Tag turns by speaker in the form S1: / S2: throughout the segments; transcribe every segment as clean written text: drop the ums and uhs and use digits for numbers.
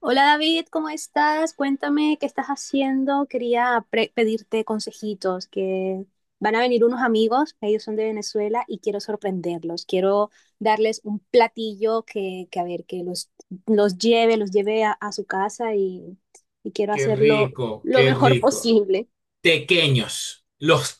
S1: Hola David, ¿cómo estás? Cuéntame qué estás haciendo. Quería pedirte consejitos, que van a venir unos amigos, ellos son de Venezuela y quiero sorprenderlos. Quiero darles un platillo que a ver, que los lleve a su casa y quiero
S2: Qué
S1: hacerlo
S2: rico,
S1: lo
S2: qué
S1: mejor
S2: rico.
S1: posible.
S2: Tequeños. Los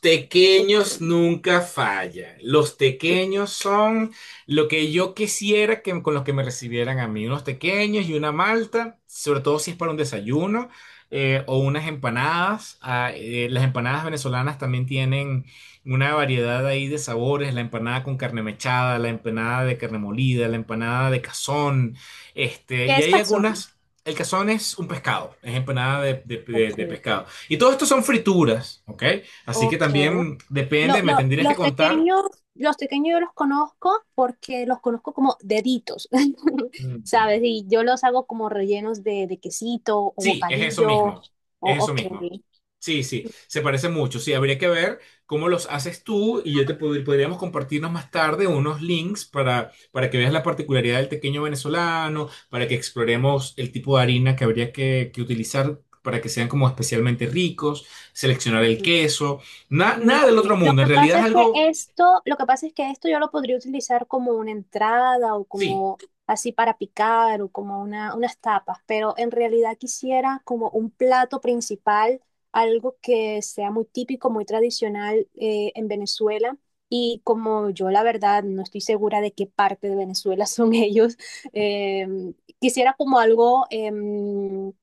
S1: ¿De
S2: tequeños
S1: qué?
S2: nunca fallan. Los
S1: ¿De qué
S2: tequeños son lo que yo quisiera que con los que me recibieran a mí. Unos tequeños y una malta, sobre todo si es para un desayuno o unas empanadas. Ah, las empanadas venezolanas también tienen una variedad ahí de sabores. La empanada con carne mechada, la empanada de carne molida, la empanada de cazón. Este,
S1: ¿Qué
S2: y
S1: es
S2: hay
S1: cazón?
S2: algunas. El cazón es un pescado, es empanada de de- de-
S1: Ok,
S2: de pescado. Y todo esto son frituras, ¿ok? Así que
S1: ok.
S2: también depende, me tendrías que
S1: Los
S2: contar.
S1: pequeños, los pequeños yo los conozco porque los conozco como deditos,
S2: Mm.
S1: ¿sabes? Y yo los hago como rellenos de quesito o
S2: Sí, es eso
S1: bocadillo
S2: mismo,
S1: o
S2: es eso
S1: ok.
S2: mismo. Sí, sí, se parece mucho. Sí, habría que ver cómo los haces tú y yo podríamos compartirnos más tarde unos links para que veas la particularidad del pequeño venezolano, para que exploremos el tipo de harina que que utilizar para que sean como especialmente ricos, seleccionar el queso.
S1: Mm,
S2: Nada del
S1: vale.
S2: otro
S1: Lo
S2: mundo. En
S1: que
S2: realidad
S1: pasa
S2: es
S1: es que
S2: algo,
S1: esto, lo que pasa es que esto yo lo podría utilizar como una entrada o
S2: sí.
S1: como así para picar o como unas tapas, pero en realidad quisiera como un plato principal, algo que sea muy típico, muy tradicional en Venezuela. Y como yo la verdad no estoy segura de qué parte de Venezuela son ellos, em, quisiera como algo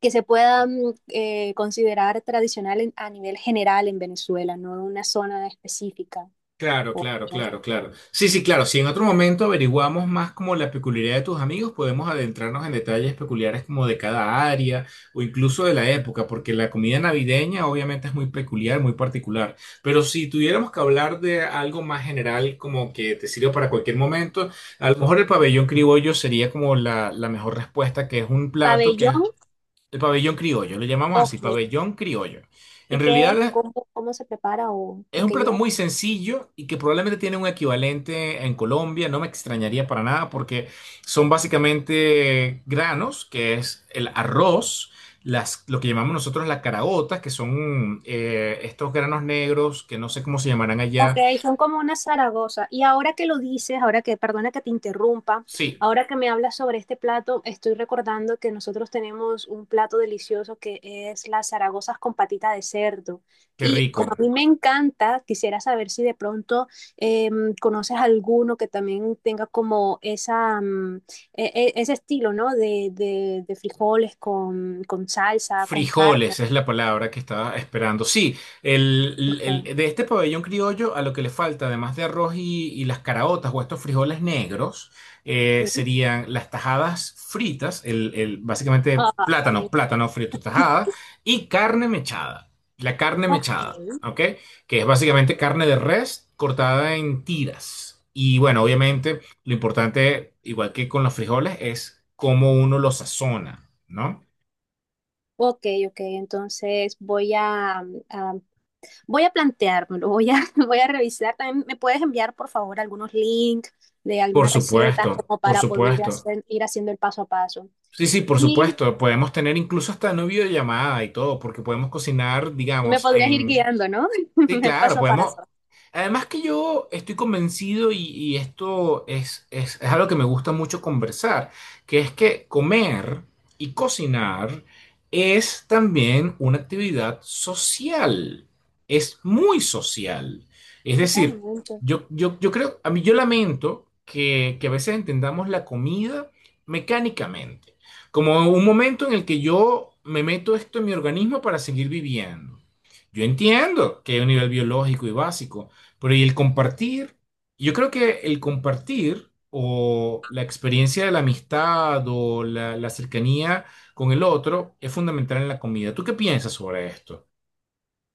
S1: que se puedan considerar tradicional a nivel general en Venezuela, no una zona específica.
S2: Claro,
S1: o-
S2: claro,
S1: ¿No?
S2: claro, claro. Sí, sí, claro. Si en otro momento averiguamos más como la peculiaridad de tus amigos, podemos adentrarnos en detalles peculiares como de cada área o incluso de la época, porque la comida navideña obviamente es muy peculiar, muy particular. Pero si tuviéramos que hablar de algo más general, como que te sirve para cualquier momento, a lo mejor el pabellón criollo sería como la mejor respuesta, que es un plato que es
S1: Pabellón,
S2: el pabellón criollo. Lo llamamos así,
S1: ok.
S2: pabellón criollo. En
S1: ¿Y qué es?
S2: realidad...
S1: ¿Cómo se prepara
S2: Es
S1: o
S2: un
S1: qué
S2: plato
S1: lleva?
S2: muy sencillo y que probablemente tiene un equivalente en Colombia, no me extrañaría para nada porque son básicamente granos, que es el arroz, lo que llamamos nosotros las caraotas, que son estos granos negros que no sé cómo se llamarán
S1: Ok,
S2: allá.
S1: son como una Zaragoza. Y ahora que lo dices, ahora que, perdona que te interrumpa,
S2: Sí,
S1: ahora que me hablas sobre este plato, estoy recordando que nosotros tenemos un plato delicioso que es las Zaragozas con patita de cerdo.
S2: qué
S1: Y
S2: rico.
S1: como a mí me encanta, quisiera saber si de pronto conoces alguno que también tenga como esa, mm, ese estilo, ¿no? De, de frijoles con salsa, con carne.
S2: Frijoles es la palabra que estaba esperando. Sí,
S1: Ok,
S2: de este pabellón criollo a lo que le falta, además de arroz y las caraotas o estos frijoles negros,
S1: sí.
S2: serían las tajadas fritas, básicamente
S1: Ah, me
S2: plátano, plátano frito tajada
S1: encanta.
S2: y carne mechada. La carne
S1: Ok.
S2: mechada, ¿ok? Que es básicamente carne de res cortada en tiras. Y bueno, obviamente lo importante, igual que con los frijoles, es cómo uno los sazona, ¿no?
S1: Ok, entonces voy a, voy a planteármelo, voy a, voy a revisar. También me puedes enviar, por favor, algunos links de
S2: Por
S1: algunas recetas
S2: supuesto,
S1: como
S2: por
S1: para poder
S2: supuesto.
S1: hacer, ir haciendo el paso a paso.
S2: Sí, sí, por
S1: Y
S2: supuesto. Podemos tener incluso hasta una videollamada y todo, porque podemos cocinar,
S1: me
S2: digamos,
S1: podrías ir
S2: en,
S1: guiando, ¿no?
S2: sí,
S1: El
S2: claro,
S1: paso a
S2: podemos.
S1: paso.
S2: Además que yo estoy convencido y esto es algo que me gusta mucho conversar, que es que comer y cocinar es también una actividad social, es muy social. Es decir,
S1: Totalmente.
S2: yo creo, a mí yo lamento que a veces entendamos la comida mecánicamente, como un momento en el que yo me meto esto en mi organismo para seguir viviendo. Yo entiendo que hay un nivel biológico y básico, pero y el compartir, yo creo que el compartir o la experiencia de la amistad o la cercanía con el otro es fundamental en la comida. ¿Tú qué piensas sobre esto?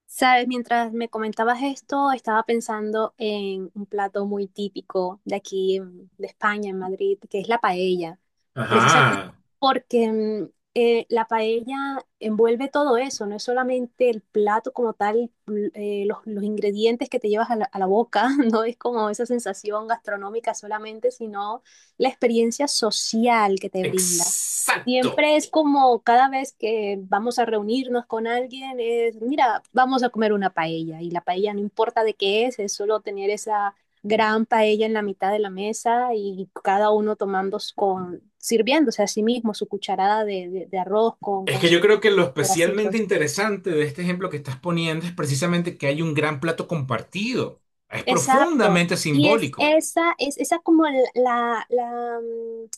S1: Sabes, mientras me comentabas esto, estaba pensando en un plato muy típico de aquí, de España, en Madrid, que es la paella. Precisamente
S2: Ajá.
S1: porque mm, la paella envuelve todo eso, no es solamente el plato como tal, los ingredientes que te llevas a la boca, no es como esa sensación gastronómica solamente, sino la experiencia social que te brinda.
S2: Exacto.
S1: Siempre es como cada vez que vamos a reunirnos con alguien, es, mira, vamos a comer una paella y la paella no importa de qué es solo tener esa gran paella en la mitad de la mesa y cada uno tomando con, sirviéndose a sí mismo su cucharada de, de arroz
S2: Es
S1: con
S2: que yo
S1: sus
S2: creo que lo especialmente
S1: pedacitos.
S2: interesante de este ejemplo que estás poniendo es precisamente que hay un gran plato compartido. Es
S1: Exacto.
S2: profundamente
S1: Y
S2: simbólico.
S1: es esa como la, la, mm,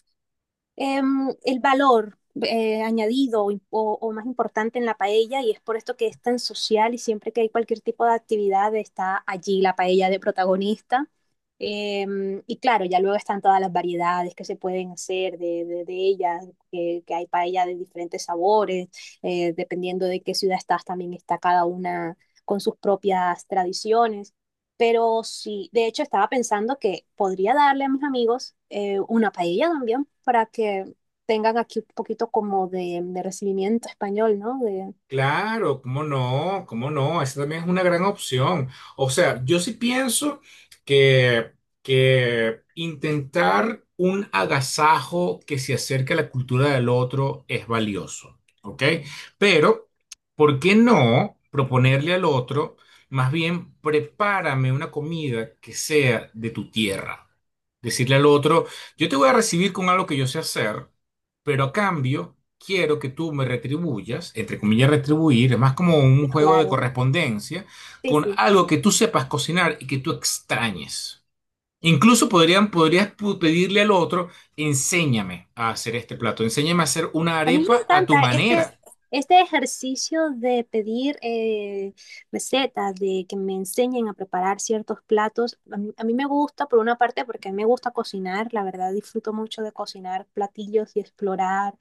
S1: el valor añadido o más importante en la paella y es por esto que es tan social y siempre que hay cualquier tipo de actividad está allí la paella de protagonista. Em, y claro, ya luego están todas las variedades que se pueden hacer de, de ellas, que hay paella de diferentes sabores, dependiendo de qué ciudad estás, también está cada una con sus propias tradiciones. Pero sí, de hecho estaba pensando que podría darle a mis amigos una paella también para que tengan aquí un poquito como de recibimiento español, ¿no? De,
S2: Claro, cómo no, esa también es una gran opción. O sea, yo sí pienso que, que intentar un agasajo que se acerque a la cultura del otro es valioso, ¿ok? Pero, ¿por qué no proponerle al otro, más bien, prepárame una comida que sea de tu tierra? Decirle al otro, yo te voy a recibir con algo que yo sé hacer pero a cambio quiero que tú me retribuyas, entre comillas retribuir, es más como
S1: y
S2: un juego de
S1: claro,
S2: correspondencia,
S1: sí,
S2: con
S1: sí.
S2: algo que tú sepas cocinar y que tú extrañes. Incluso podrías pedirle al otro, enséñame a hacer este plato, enséñame a hacer una
S1: A mí me
S2: arepa a tu
S1: encanta este,
S2: manera.
S1: este ejercicio de pedir recetas, de que me enseñen a preparar ciertos platos. A mí me gusta, por una parte, porque a mí me gusta cocinar, la verdad disfruto mucho de cocinar platillos y explorar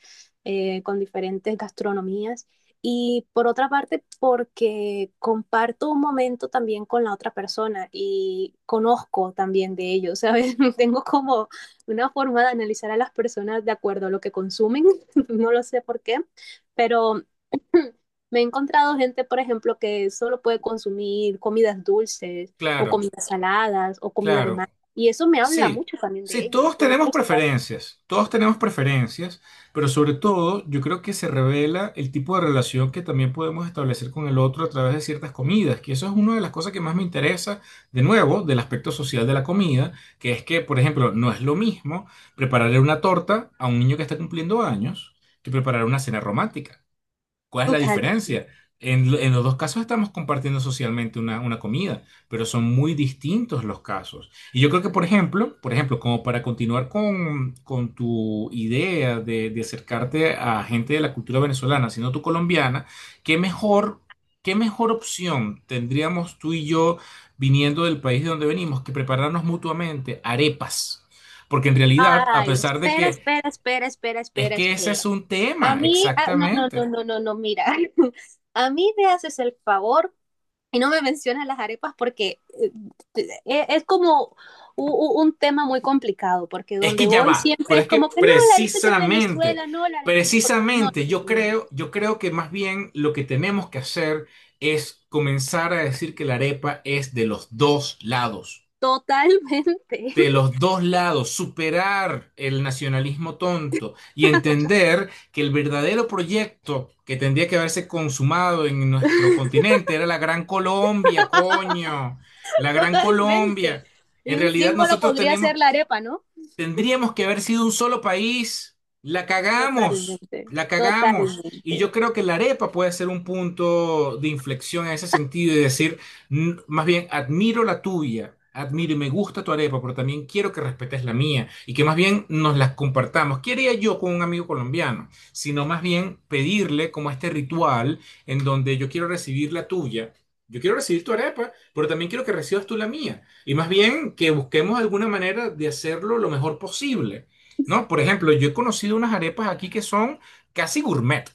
S1: con diferentes gastronomías. Y por otra parte, porque comparto un momento también con la otra persona y conozco también de ellos, ¿sabes? Tengo como una forma de analizar a las personas de acuerdo a lo que consumen no lo sé por qué, pero me he encontrado gente, por ejemplo, que solo puede consumir comidas dulces o
S2: Claro,
S1: comidas saladas o comida de
S2: claro.
S1: mar. Y eso me habla
S2: Sí,
S1: mucho también de
S2: sí,
S1: ellos y me gusta.
S2: todos tenemos preferencias, pero sobre todo yo creo que se revela el tipo de relación que también podemos establecer con el otro a través de ciertas comidas, que eso es una de las cosas que más me interesa, de nuevo, del aspecto social de la comida, que es que, por ejemplo, no es lo mismo prepararle una torta a un niño que está cumpliendo años que preparar una cena romántica. ¿Cuál es la
S1: Total.
S2: diferencia? En los dos casos estamos compartiendo socialmente una comida, pero son muy distintos los casos. Y yo creo que, por ejemplo, como para continuar con tu idea de acercarte a gente de la cultura venezolana, sino tu colombiana, ¿qué mejor, qué mejor opción tendríamos tú y yo viniendo del país de donde venimos que prepararnos mutuamente arepas? Porque en realidad, a
S1: Ay,
S2: pesar de
S1: espera,
S2: que
S1: espera, espera, espera,
S2: es
S1: espera,
S2: que ese es
S1: espera.
S2: un
S1: A
S2: tema,
S1: mí, ah, no, no, no,
S2: exactamente.
S1: no, no, no, mira. A mí me haces el favor y no me mencionas las arepas porque es como tema muy complicado, porque
S2: Es
S1: donde
S2: que ya
S1: voy
S2: va,
S1: siempre
S2: pero
S1: es
S2: es que
S1: como que no, la arepa es de
S2: precisamente,
S1: Venezuela, no, la arepa es de Colombia. No,
S2: precisamente
S1: no, no, no, no.
S2: yo creo que más bien lo que tenemos que hacer es comenzar a decir que la arepa es de los dos lados,
S1: Totalmente,
S2: de los dos lados, superar el nacionalismo tonto y entender que el verdadero proyecto que tendría que haberse consumado en nuestro continente era la Gran Colombia, coño, la Gran
S1: totalmente.
S2: Colombia.
S1: Y
S2: En
S1: un
S2: realidad
S1: símbolo
S2: nosotros
S1: podría
S2: tenemos
S1: ser la arepa, ¿no?
S2: tendríamos que haber sido un solo país. La cagamos,
S1: Totalmente,
S2: la cagamos. Y
S1: totalmente.
S2: yo creo que la arepa puede ser un punto de inflexión en ese sentido y decir, más bien, admiro la tuya, admiro y me gusta tu arepa, pero también quiero que respetes la mía y que más bien nos las compartamos. ¿Qué haría yo con un amigo colombiano? Sino más bien pedirle como este ritual en donde yo quiero recibir la tuya. Yo quiero recibir tu arepa, pero también quiero que recibas tú la mía. Y más bien que busquemos alguna manera de hacerlo lo mejor posible, ¿no? Por ejemplo, yo he conocido unas arepas aquí que son casi gourmet.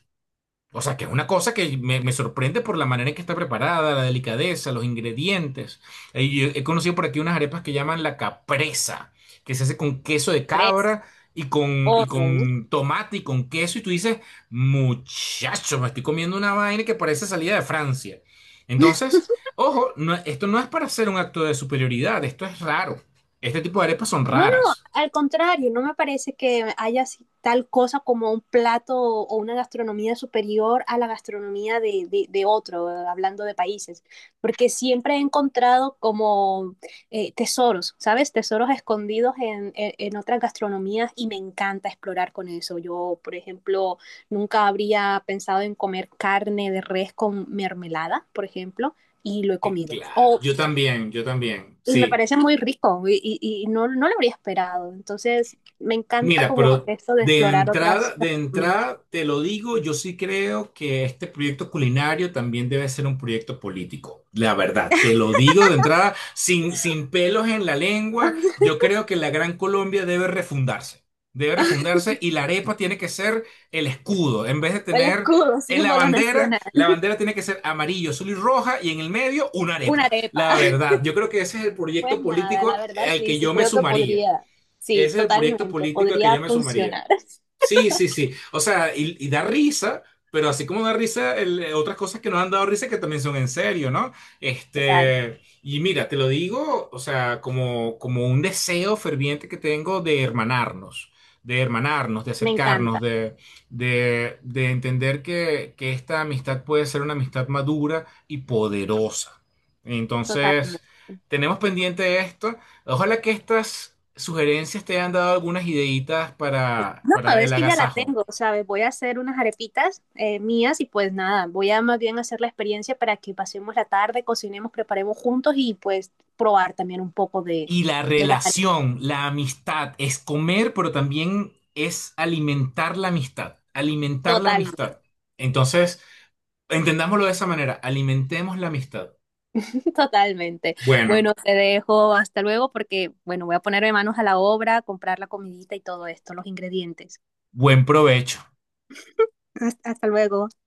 S2: O sea, que es una cosa que me sorprende por la manera en que está preparada, la delicadeza, los ingredientes. Yo he conocido por aquí unas arepas que llaman la capresa, que se hace con queso de
S1: Fresa.
S2: cabra y
S1: Ok.
S2: con tomate y con queso. Y tú dices, muchacho, me estoy comiendo una vaina que parece salida de Francia. Entonces, ojo, esto no es para hacer un acto de superioridad, esto es raro. Este tipo de arepas son
S1: No, no,
S2: raras.
S1: al contrario, no me parece que haya así tal cosa como un plato o una gastronomía superior a la gastronomía de, de otro, hablando de países, porque siempre he encontrado como tesoros, ¿sabes? Tesoros escondidos en, en otras gastronomías y me encanta explorar con eso. Yo, por ejemplo, nunca habría pensado en comer carne de res con mermelada, por ejemplo, y lo he
S2: Que-
S1: comido.
S2: Claro,
S1: O
S2: yo también,
S1: y me
S2: sí.
S1: parece muy rico y no, no lo habría esperado. Entonces, me encanta
S2: Mira,
S1: como
S2: pero
S1: esto de explorar otras
S2: de
S1: gastronomías.
S2: entrada te lo digo, yo sí creo que este proyecto culinario también debe ser un proyecto político. La verdad, te lo digo de entrada, sin pelos en la lengua, yo creo que la Gran Colombia debe refundarse. Debe refundarse y la arepa tiene que ser el escudo. En vez de
S1: El
S2: tener
S1: escudo,
S2: en
S1: símbolo nacional.
S2: la bandera tiene que ser amarillo, azul y roja y en el medio una
S1: Una
S2: arepa.
S1: arepa.
S2: La verdad, yo creo que ese es el
S1: Pues
S2: proyecto
S1: nada,
S2: político
S1: la verdad
S2: al
S1: sí,
S2: que
S1: sí,
S2: yo me
S1: creo que
S2: sumaría.
S1: podría, sí,
S2: Ese es el proyecto
S1: totalmente,
S2: político al que
S1: podría
S2: yo me sumaría.
S1: funcionar.
S2: Sí, sí, sí. O sea, y da risa, pero así como da risa, otras cosas que nos han dado risa que también son en serio, ¿no?
S1: Total,
S2: Este, y mira, te lo digo, o sea, como un deseo ferviente que tengo de hermanarnos, de hermanarnos, de
S1: me
S2: acercarnos,
S1: encanta,
S2: de entender que esta amistad puede ser una amistad madura y poderosa. Entonces,
S1: totalmente.
S2: tenemos pendiente esto. Ojalá que estas sugerencias te hayan dado algunas ideitas
S1: No,
S2: para el
S1: es que ya la
S2: agasajo.
S1: tengo, ¿sabes? Voy a hacer unas arepitas mías y pues nada, voy a más bien hacer la experiencia para que pasemos la tarde, cocinemos, preparemos juntos y pues probar también un poco
S2: Y la
S1: de las arepas.
S2: relación, la amistad, es comer, pero también es alimentar la amistad. Alimentar la
S1: Totalmente,
S2: amistad. Entonces, entendámoslo de esa manera. Alimentemos la amistad.
S1: totalmente.
S2: Bueno,
S1: Bueno, te dejo hasta luego porque, bueno, voy a ponerme manos a la obra, comprar la comidita y todo esto, los ingredientes.
S2: buen provecho.
S1: Hasta luego.